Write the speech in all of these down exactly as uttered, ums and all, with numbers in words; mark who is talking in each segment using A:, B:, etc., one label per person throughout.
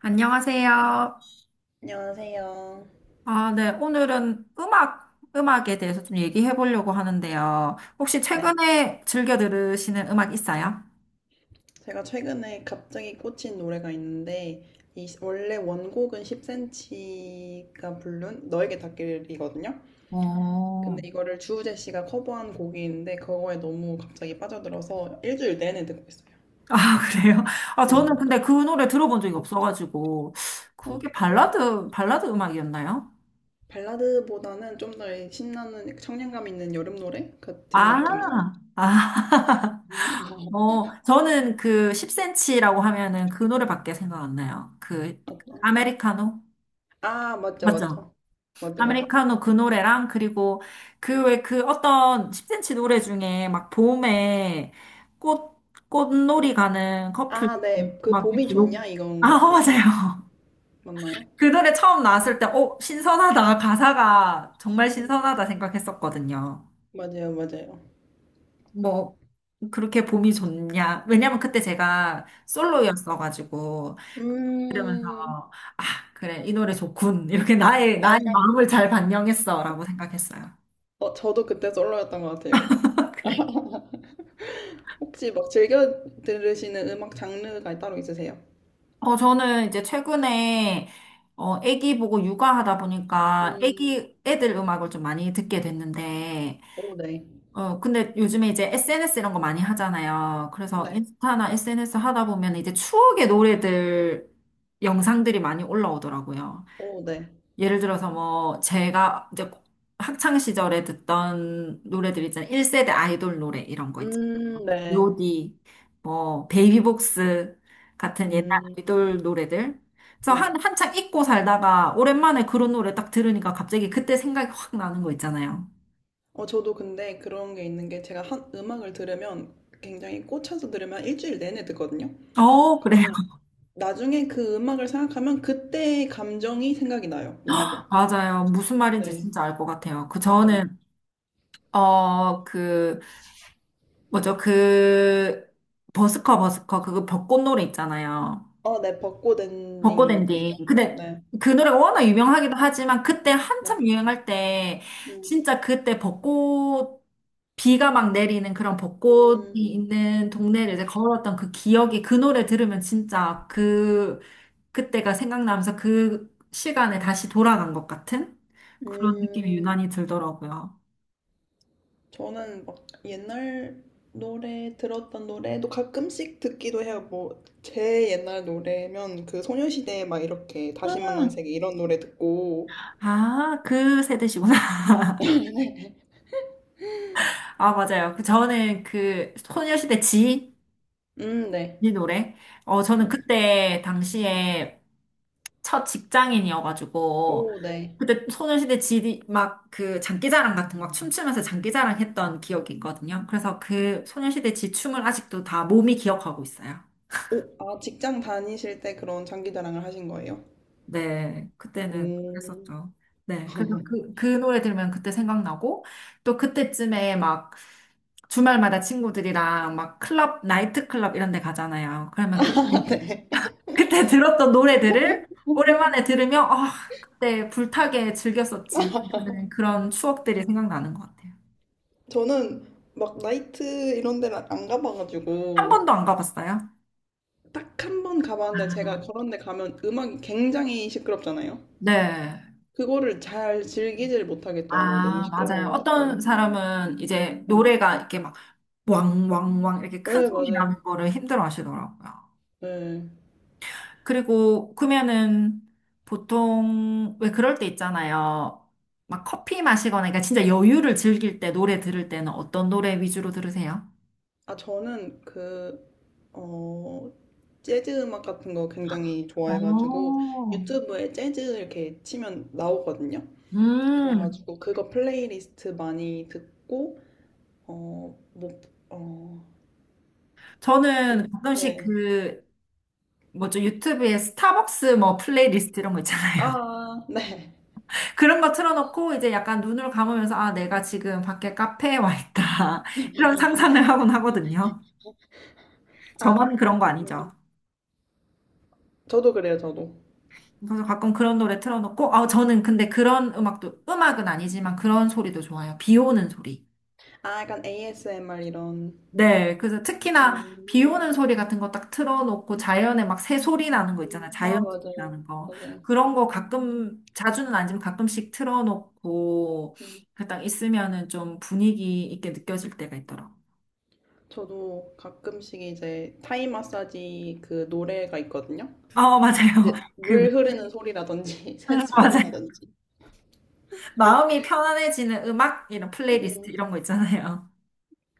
A: 안녕하세요.
B: 안녕하세요.
A: 아, 네. 오늘은 음악, 음악에 대해서 좀 얘기해 보려고 하는데요. 혹시
B: 네.
A: 최근에 즐겨 들으시는 음악 있어요?
B: 제가 최근에 갑자기 꽂힌 노래가 있는데, 이 시- 원래 원곡은 십 센티미터가 부른 너에게 닿길이거든요.
A: 어,
B: 근데 이거를 주우재 씨가 커버한 곡인데, 그거에 너무 갑자기 빠져들어서 일주일 내내 듣고 있어요.
A: 아, 그래요? 아,
B: 근데
A: 저는
B: 이게
A: 근데 그 노래 들어본 적이 없어가지고. 그게
B: 참
A: 발라드, 발라드 음악이었나요?
B: 발라드보다는 좀 더 신나는 청량감 있는 여름 노래 같은
A: 아,
B: 느낌이.
A: 아. 어, 저는 그 십 센치라고 하면은 그 노래밖에 생각 안 나요. 그,
B: 어떤?
A: 아메리카노?
B: 아, 맞죠,
A: 맞죠?
B: 맞죠. 맞죠, 맞죠.
A: 아메리카노 그 노래랑 그리고 그 왜 그 어떤 십 센치 노래 중에 막 봄에 꽃 꽃놀이 가는 커플
B: 아, 네. 그
A: 막
B: 봄이
A: 이렇게
B: 좋냐?
A: 욕.
B: 이건
A: 아,
B: 것
A: 어,
B: 같아요.
A: 맞아요.
B: 맞나요?
A: 그 노래 처음 나왔을 때, 어, 신선하다. 가사가 정말
B: 네.
A: 신선하다 생각했었거든요.
B: 맞아요, 맞아요.
A: 뭐, 그렇게 봄이 좋냐. 왜냐면 그때 제가
B: 네.
A: 솔로였어가지고, 그러면서,
B: 음,
A: 아, 그래, 이 노래 좋군. 이렇게 나의,
B: 아,
A: 나의
B: 약간,
A: 마음을 잘 반영했어라고 생각했어요.
B: 어, 저도 그때 솔로였던 것 같아요.
A: 그래.
B: 혹시 막 즐겨 들으시는 음악 장르가 따로 있으세요?
A: 어, 저는 이제 최근에, 어, 애기 보고 육아하다 보니까
B: 음,
A: 애기, 애들 음악을 좀 많이 듣게 됐는데,
B: 오, 네.
A: 어, 근데 요즘에 이제 에스엔에스 이런 거 많이 하잖아요. 그래서
B: 네.
A: 인스타나 에스엔에스 하다 보면 이제 추억의 노래들, 영상들이 많이 올라오더라고요.
B: 오, 네.
A: 예를 들어서 뭐, 제가 이제 학창 시절에 듣던 노래들 있잖아요. 일 세대 아이돌 노래 이런 거
B: 음, 네.
A: 요디, 뭐 베이비복스 같은 옛날
B: 음,
A: 아이돌 노래들. 그래서
B: 네.
A: 한 한창 잊고 살다가 오랜만에 그런 노래 딱 들으니까 갑자기 그때 생각이 확 나는 거 있잖아요.
B: 어, 저도 근데 그런 게 있는 게 제가 한 음악을 들으면 굉장히 꽂혀서 들으면 일주일 내내 듣거든요.
A: 어, 그래요.
B: 그러면 나중에 그 음악을 생각하면 그때의 감정이 생각이 나요, 오히려.
A: 맞아요. 무슨 말인지
B: 네,
A: 진짜 알 것 같아요. 그
B: 그렇죠.
A: 저는 어, 그 뭐죠? 그 버스커 버스커 그거 벚꽃 노래 있잖아요.
B: 어, 네, 벚꽃
A: 벚꽃
B: 엔딩이죠.
A: 엔딩. 근데
B: 네.
A: 그 노래가 워낙 유명하기도 하지만 그때
B: 네.
A: 한참 유행할 때
B: 음.
A: 진짜 그때 벚꽃 비가 막 내리는 그런 벚꽃이
B: 음.
A: 있는 동네를 이제 걸었던 그 기억이 그 노래 들으면 진짜 그 그때가 생각나면서 그 시간에 다시 돌아간 것 같은 그런 느낌이
B: 음.
A: 유난히 들더라고요.
B: 저는 막 옛날 노래 들었던 노래도 가끔씩 듣기도 해요. 뭐 제 옛날 노래면 그 소녀시대 막 이렇게 다시 만난 세계 이런 노래 듣고.
A: 아, 그 세대시구나. 아, 맞아요. 그 저는 그 소녀시대 지,
B: 음, 네.
A: 이 노래. 어, 저는
B: 맞아요.
A: 그때 당시에 첫 직장인이어가지고
B: 오, 네.
A: 그때 소녀시대 지 d 막 그 장기자랑 같은 거 막 춤추면서 장기자랑 했던 기억이 있거든요. 그래서 그 소녀시대 지 춤을 아직도 다 몸이 기억하고 있어요.
B: 오, 아, 직장 다니실 때 그런 장기 자랑을 하신 거예요?
A: 네, 그때는
B: 오.
A: 그랬었죠. 네, 그래서 그, 그 노래 들으면 그때 생각나고 또 그때쯤에 막 주말마다 친구들이랑 막 클럽, 나이트 클럽 이런 데 가잖아요. 그러면 그때
B: 네.
A: 그때 들었던 노래들을 오랜만에 들으면, 아, 그때 불타게 즐겼었지. 하는 그런 추억들이 생각나는 것 같아요.
B: 저는 막 나이트 이런 데를 안
A: 한
B: 가봐가지고.
A: 번도 안 가봤어요?
B: 딱 한 번 가봤는데 제가
A: 아,
B: 그런 데 가면 음악이 굉장히 시끄럽잖아요.
A: 네.
B: 그거를 잘 즐기질 못하겠더라고요. 너무
A: 아, 맞아요. 어떤
B: 시끄러워가지고.
A: 사람은 이제
B: 네,
A: 노래가 이렇게 막 왕왕왕 이렇게 큰
B: 네,
A: 소리 나는
B: 맞아요.
A: 거를 힘들어 하시더라고요.
B: 네.
A: 그리고 그러면은 보통 왜 그럴 때 있잖아요. 막 커피 마시거나 그러니까 진짜 여유를 즐길 때 노래 들을 때는 어떤 노래 위주로 들으세요?
B: 아, 저는 그, 어, 재즈 음악 같은 거 굉장히 좋아해가지고
A: 어,
B: 유튜브에 재즈 이렇게 치면 나오거든요.
A: 음.
B: 그래가지고 그거 플레이리스트 많이 듣고, 어, 뭐, 어, 좀,
A: 저는 가끔씩
B: 네.
A: 그, 뭐죠, 유튜브에 스타벅스 뭐 플레이리스트 이런 거 있잖아요.
B: 아, 네.
A: 그런 거 틀어놓고 이제 약간 눈을 감으면서, 아, 내가 지금 밖에 카페에 와 있다. 이런 상상을 하곤 하거든요.
B: 아,
A: 저만
B: 아,
A: 그런 거
B: 음,
A: 아니죠.
B: 저도 그래요, 저도.
A: 그래서 가끔 그런 노래 틀어놓고, 아, 저는 근데
B: 음.
A: 그런 음악도, 음악은 아니지만 그런 소리도 좋아요. 비 오는 소리.
B: 아, 약간 에이에스엠알 이런.
A: 네, 그래서 특히나 비 오는
B: 음,
A: 소리 같은 거 딱 틀어놓고 자연에 막 새 소리 나는 거
B: 음.
A: 있잖아요.
B: 아,
A: 자연 소리
B: 맞아요.
A: 나는 거.
B: 맞아요.
A: 그런 거 가끔, 자주는 아니지만 가끔씩 틀어놓고
B: 음.
A: 그딱 있으면은 좀 분위기 있게 느껴질 때가 있더라고요.
B: 저도 가끔씩 이제 타이 마사지 그 노래가 있거든요.
A: 어, 맞아요.
B: 이제
A: 그, 음,
B: 물 흐르는 소리라든지
A: 맞아요.
B: 새소리라든지.
A: 마음이 편안해지는 음악, 이런 플레이리스트
B: 음.
A: 이런 거 있잖아요.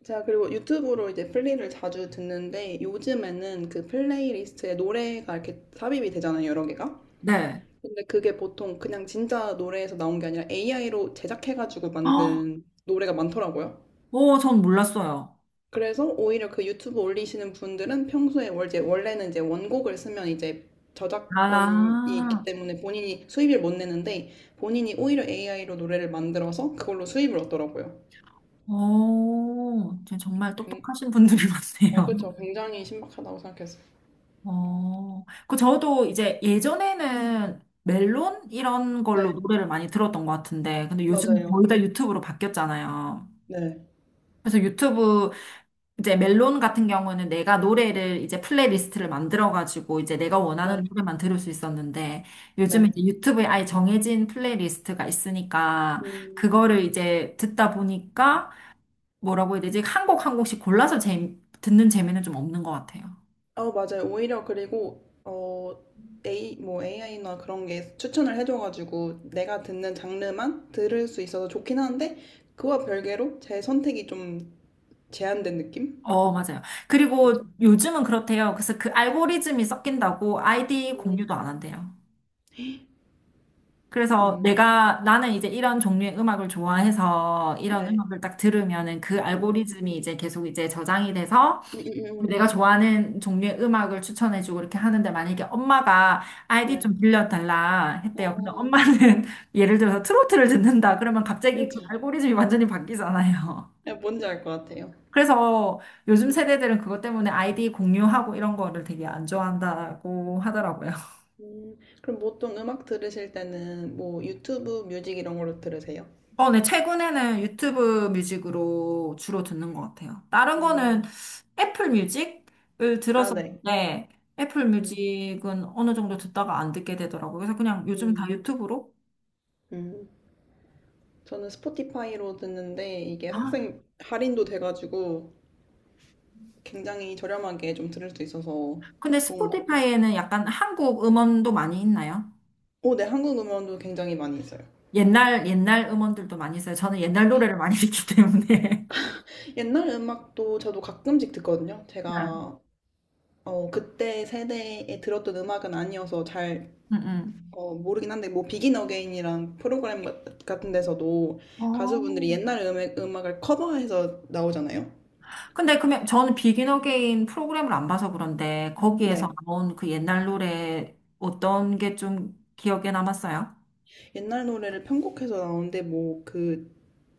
B: 제가 그리고 유튜브로 이제 플리를 자주 듣는데, 요즘에는 그 플레이리스트에 노래가 이렇게 삽입이 되잖아요, 여러 개가.
A: 네.
B: 근데 그게 보통 그냥 진짜 노래에서 나온 게 아니라 에이아이로 제작해가지고
A: 어,
B: 만든 노래가 많더라고요.
A: 오, 전 몰랐어요.
B: 그래서 오히려 그 유튜브 올리시는 분들은 평소에 월- 이제 원래는 이제 원곡을 쓰면 이제 저작권이 있기
A: 아,
B: 때문에 본인이 수입을 못 내는데, 본인이 오히려 에이아이로 노래를 만들어서 그걸로 수입을 얻더라고요.
A: 오, 정말
B: 굉-
A: 똑똑하신 분들이
B: 어,
A: 많네요.
B: 그렇죠. 굉장히 신박하다고 생각했어요.
A: 어, 그 저도 이제 예전에는 멜론 이런 걸로
B: 네,
A: 노래를 많이 들었던 것 같은데, 근데 요즘 거의
B: 맞아요.
A: 다 유튜브로 바뀌었잖아요.
B: 네,
A: 그래서 유튜브 이제 멜론 같은 경우는 내가 노래를 이제 플레이리스트를 만들어가지고 이제 내가
B: 네,
A: 원하는 노래만 들을 수 있었는데, 요즘은
B: 네.
A: 이제 유튜브에 아예 정해진 플레이리스트가 있으니까
B: 음,
A: 그거를 이제 듣다 보니까 뭐라고 해야 되지? 한 곡 한 곡씩 골라서 재, 듣는 재미는 좀 없는 것 같아요.
B: 어, 맞아요. 오히려 그리고 어, A, 뭐 에이아이나 그런 게 추천을 해줘가지고 내가 듣는 장르만 들을 수 있어서 좋긴 한데, 그와 별개로 제 선택이 좀 제한된 느낌?
A: 어, 맞아요.
B: 그쵸?
A: 그리고 요즘은 그렇대요. 그래서 그 알고리즘이 섞인다고 아이디
B: 음,
A: 공유도 안 한대요. 그래서
B: 음,
A: 내가, 나는 이제 이런 종류의 음악을 좋아해서 이런
B: 네.
A: 음악을 딱 들으면은 그
B: 음,
A: 알고리즘이 이제 계속 이제 저장이 돼서
B: 음, 음, 음.
A: 내가 좋아하는 종류의 음악을 추천해주고 이렇게 하는데 만약에 엄마가 아이디
B: 네.
A: 좀 빌려달라 했대요. 근데
B: 아,
A: 엄마는 예를 들어서 트로트를 듣는다. 그러면 갑자기 그
B: 그렇죠.
A: 알고리즘이 완전히 바뀌잖아요.
B: 네, 뭔지 알 것 같아요.
A: 그래서 요즘
B: 음,
A: 세대들은 그것 때문에 아이디 공유하고 이런 거를 되게 안 좋아한다고 하더라고요.
B: 음. 그럼 보통 음악 들으실 때는 뭐 유튜브 뮤직 이런 걸로 들으세요?
A: 어, 네, 최근에는 유튜브 뮤직으로 주로 듣는 것 같아요. 다른 거는
B: 음,
A: 애플 뮤직을
B: 아, 네.
A: 들었었는데, 애플
B: 음,
A: 뮤직은 어느 정도 듣다가 안 듣게 되더라고요. 그래서 그냥 요즘 다
B: 음,
A: 유튜브로.
B: 음. 저는 스포티파이로 듣는데 이게
A: 아,
B: 학생 할인도 돼가지고 굉장히 저렴하게 좀 들을 수 있어서
A: 근데
B: 좋은 것 같아요.
A: 스포티파이에는 약간 한국 음원도 많이 있나요?
B: 오, 네, 한국 음원도 굉장히 많이 있어요.
A: 옛날, 옛날 음원들도 많이 있어요. 저는 옛날 노래를 많이 듣기 때문에.
B: 옛날 음악도 저도 가끔씩 듣거든요.
A: 네.
B: 제가 어, 그때 세대에 들었던 음악은 아니어서 잘
A: 음, 음.
B: 어, 모르긴 한데 뭐 비긴 어게인이랑 프로그램 같- 같은 데서도
A: 어,
B: 가수분들이 옛날 음악, 음악을 커버해서 나오잖아요.
A: 근데 그러면 저는 비긴 어게인 프로그램을 안 봐서 그런데 거기에서
B: 네.
A: 나온 그 옛날 노래 어떤 게 좀 기억에 남았어요?
B: 옛날 노래를 편곡해서 나오는데 뭐 그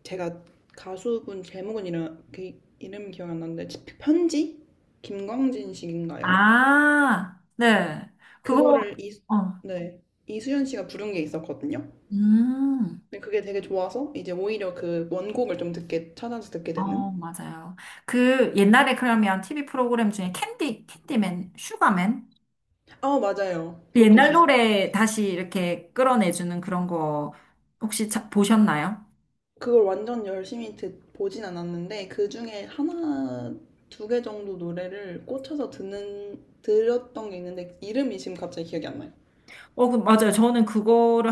B: 제가 가수분 제목은 이름 그 이름 기억이 안 나는데 편지 김광진 씨인가요?
A: 아, 네. 그거,
B: 그거를 이,
A: 어,
B: 네, 이수연 씨가 부른 게 있었거든요.
A: 음,
B: 근데 그게 되게 좋아서 이제 오히려 그 원곡을 좀 듣게 찾아서 듣게
A: 어,
B: 되는.
A: 맞아요. 그 옛날에 그러면 티비 프로그램 중에 캔디, 캔디맨, 슈가맨?
B: 아 맞아요.
A: 그
B: 그것도
A: 옛날
B: 있었어요.
A: 노래 다시 이렇게 끌어내주는 그런 거 혹시 자- 보셨나요?
B: 그걸 완전 열심히 듣 보진 않았는데 그 중에 하나 두 개 정도 노래를 꽂혀서 듣는 들었던 게 있는데 이름이 지금 갑자기 기억이 안 나요.
A: 어, 그- 맞아요. 저는 그거를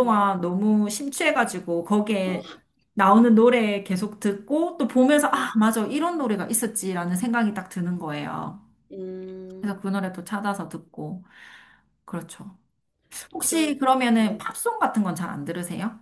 B: 네.
A: 너무 심취해가지고 거기에
B: 아,
A: 나오는 노래 계속 듣고 또 보면서 아,
B: 네.
A: 맞아. 이런 노래가 있었지라는 생각이 딱 드는 거예요.
B: 음,
A: 그래서 그 노래 또 찾아서 듣고. 그렇죠. 혹시
B: 전, 네.
A: 그러면은 팝송 같은 건 잘 안 들으세요?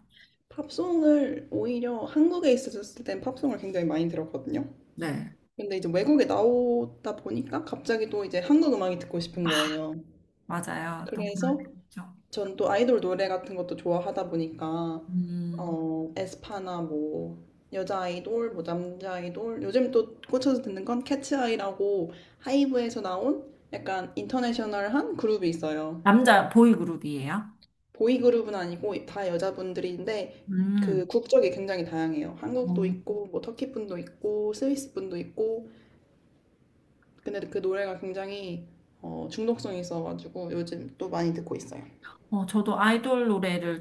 B: 팝송을 오히려 한국에 있었을 땐 팝송을 굉장히 많이 들었거든요.
A: 네.
B: 근데 이제 외국에 나오다 보니까 갑자기 또 이제 한국 음악이 듣고 싶은 거예요.
A: 맞아요. 또 그런 게
B: 그래서
A: 있죠.
B: 전 또 아이돌 노래 같은 것도 좋아하다 보니까
A: 음,
B: 어, 에스파나 뭐 여자 아이돌, 뭐 남자 아이돌 요즘 또 꽂혀서 듣는 건 캐츠아이라고 하이브에서 나온 약간 인터내셔널한 그룹이 있어요.
A: 남자 보이그룹이에요?
B: 보이그룹은 아니고 다 여자분들인데 그
A: 음,
B: 국적이 굉장히 다양해요. 한국도
A: 어,
B: 있고 뭐 터키 분도 있고 스위스 분도 있고. 근데 그 노래가 굉장히 어, 중독성이 있어가지고 요즘 또 많이 듣고 있어요.
A: 어, 저도 아이돌 노래를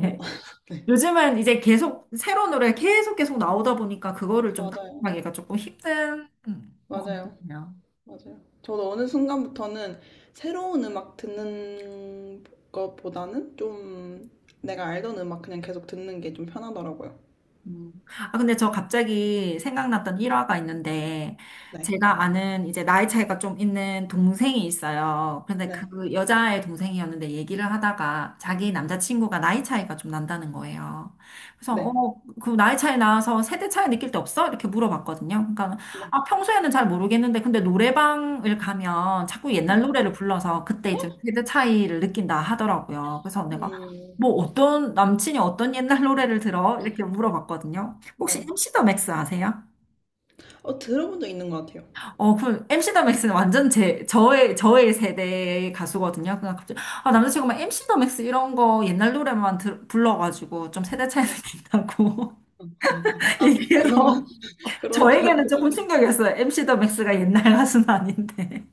B: 어,
A: 요즘은 이제 계속 새로운 노래 계속 계속 나오다 보니까 그거를 좀
B: 맞아요.
A: 따라가기가 조금 힘든 음, 것같거
B: 맞아요.
A: 든요
B: 맞아요. 저도 어느 순간부터는 새로운 음악 듣는 것보다는 좀 내가 알던 음악 그냥 계속 듣는 게 좀 편하더라고요.
A: 음. 아, 근데 저 갑자기 생각났던 일화가 있는데,
B: 네.
A: 제가 아는 이제 나이 차이가 좀 있는 동생이 있어요. 근데
B: 네.
A: 그 여자의 동생이었는데 얘기를 하다가 자기 남자친구가 나이 차이가 좀 난다는 거예요. 그래서, 어,
B: 네.
A: 그 나이 차이 나서 세대 차이 느낄 때 없어? 이렇게 물어봤거든요. 그러니까,
B: 네.
A: 아, 평소에는 잘 모르겠는데, 근데 노래방을 가면 자꾸 옛날
B: 어,
A: 노래를 불러서 그때 이제 세대 차이를 느낀다 하더라고요. 그래서 내가,
B: 음.
A: 뭐 어떤 남친이 어떤 옛날 노래를 들어? 이렇게 물어봤거든요. 혹시
B: 네.
A: 엠시 더 맥스 아세요?
B: 어, 들어본 적 있는 것 같아요.
A: 어, 그 엠시 더 맥스는 완전 제 저의 저의 세대 가수거든요. 그냥 갑자기 아 남자친구가 막 엠시 더 맥스 이런 거 옛날 노래만 들, 불러가지고 좀 세대 차이 느낀다고
B: 아, 그러면,
A: 얘기해서
B: 그러, 그러,
A: 저에게는
B: 그러.
A: 조금 충격이었어요. 엠시 더 맥스가 옛날 가수는 아닌데.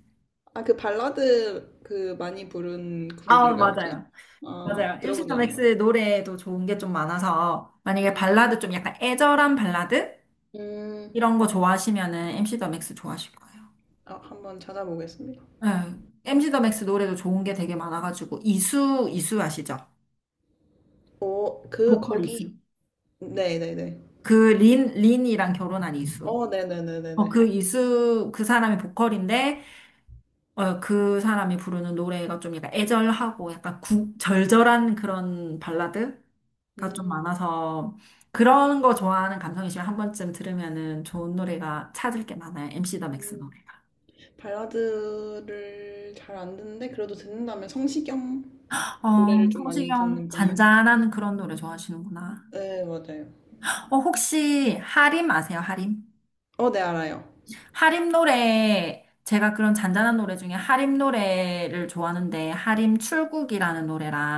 B: 아, 그 발라드 그 많이 부른
A: 아,
B: 그룹인가요, 혹시?
A: 맞아요.
B: 아,
A: 맞아요. 엠시
B: 들어본 적
A: 더 맥
B: 있는 것
A: 스
B: 같아요.
A: 노래도 좋은 게 좀 많아서 만약에
B: 음,
A: 발라드 좀 약간 애절한 발라드?
B: 음,
A: 이런 거 좋아하시면은 엠시 더 맥스 좋아하실 거예요.
B: 아, 한번 찾아보겠습니다.
A: 네. 엠시 더 맥스 노래도 좋은 게 되게 많아가지고 이수 이수 아시죠?
B: 어, 그,
A: 보컬 이수.
B: 거기, 네네네.
A: 그 린 린이랑 결혼한 이수.
B: 어,
A: 어,
B: 네네네네네.
A: 그 이수 그 사람이 보컬인데 어, 그 사람이 부르는 노래가 좀 약간 애절하고 약간 구,
B: 음,
A: 절절한 그런 발라드가 좀
B: 음,
A: 많아서 그런 거 좋아하는 감성이시면 한 번쯤 들으면은 좋은 노래가 찾을 게 많아요. 엠시 더 맥스
B: 음.
A: 노래가.
B: 발라드를 잘 안 듣는데, 그래도 듣는다면 성시경
A: 어,
B: 노래를 좀 많이
A: 성시경
B: 듣는 편인 것 같아요.
A: 잔잔한 그런 노래 좋아하시는구나.
B: 네, 맞아요.
A: 어, 혹시 하림 아세요? 하림?
B: 어, 네, 알아요.
A: 하림 노래 제가 그런 잔잔한 노래 중에 하림 노래를 좋아하는데 하림 출국이라는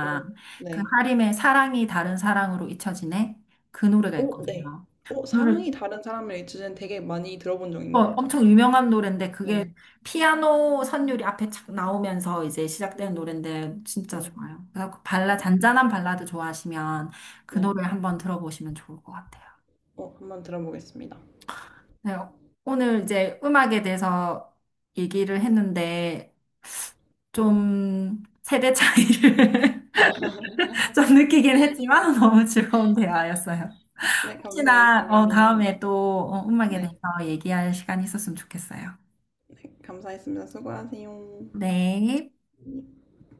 B: 오..
A: 그
B: 네.
A: 하림의 사랑이 다른 사랑으로 잊혀지네 그 노래가
B: 오, 네.
A: 있거든요.
B: 오, 사랑이 다른 사람을 잊으는 되게 많이 들어본 적
A: 어,
B: 있는 것 같아요.
A: 엄청 유명한 노래인데 그게
B: 네.
A: 피아노 선율이 앞에 착 나오면서 이제 시작되는
B: 음.
A: 노래인데 진짜 좋아요. 그래서 그 발라
B: 오, 어,
A: 잔잔한 발라드 좋아하시면 그 노래
B: 네.
A: 한번 들어보시면 좋을 것 같아요.
B: 어, 한번 들어보겠습니다.
A: 네, 오늘 이제 음악에 대해서 얘기를 했는데 좀 세대 차이를 좀 느끼긴 했지만 너무 즐거운 대화였어요.
B: 네,
A: 혹시나 어,
B: 감사했습니다.
A: 다음에 또 어, 음악에 대해서
B: 네,
A: 얘기할 시간이 있었으면 좋겠어요.
B: 네, 감사했습니다. 수고하세요.
A: 네.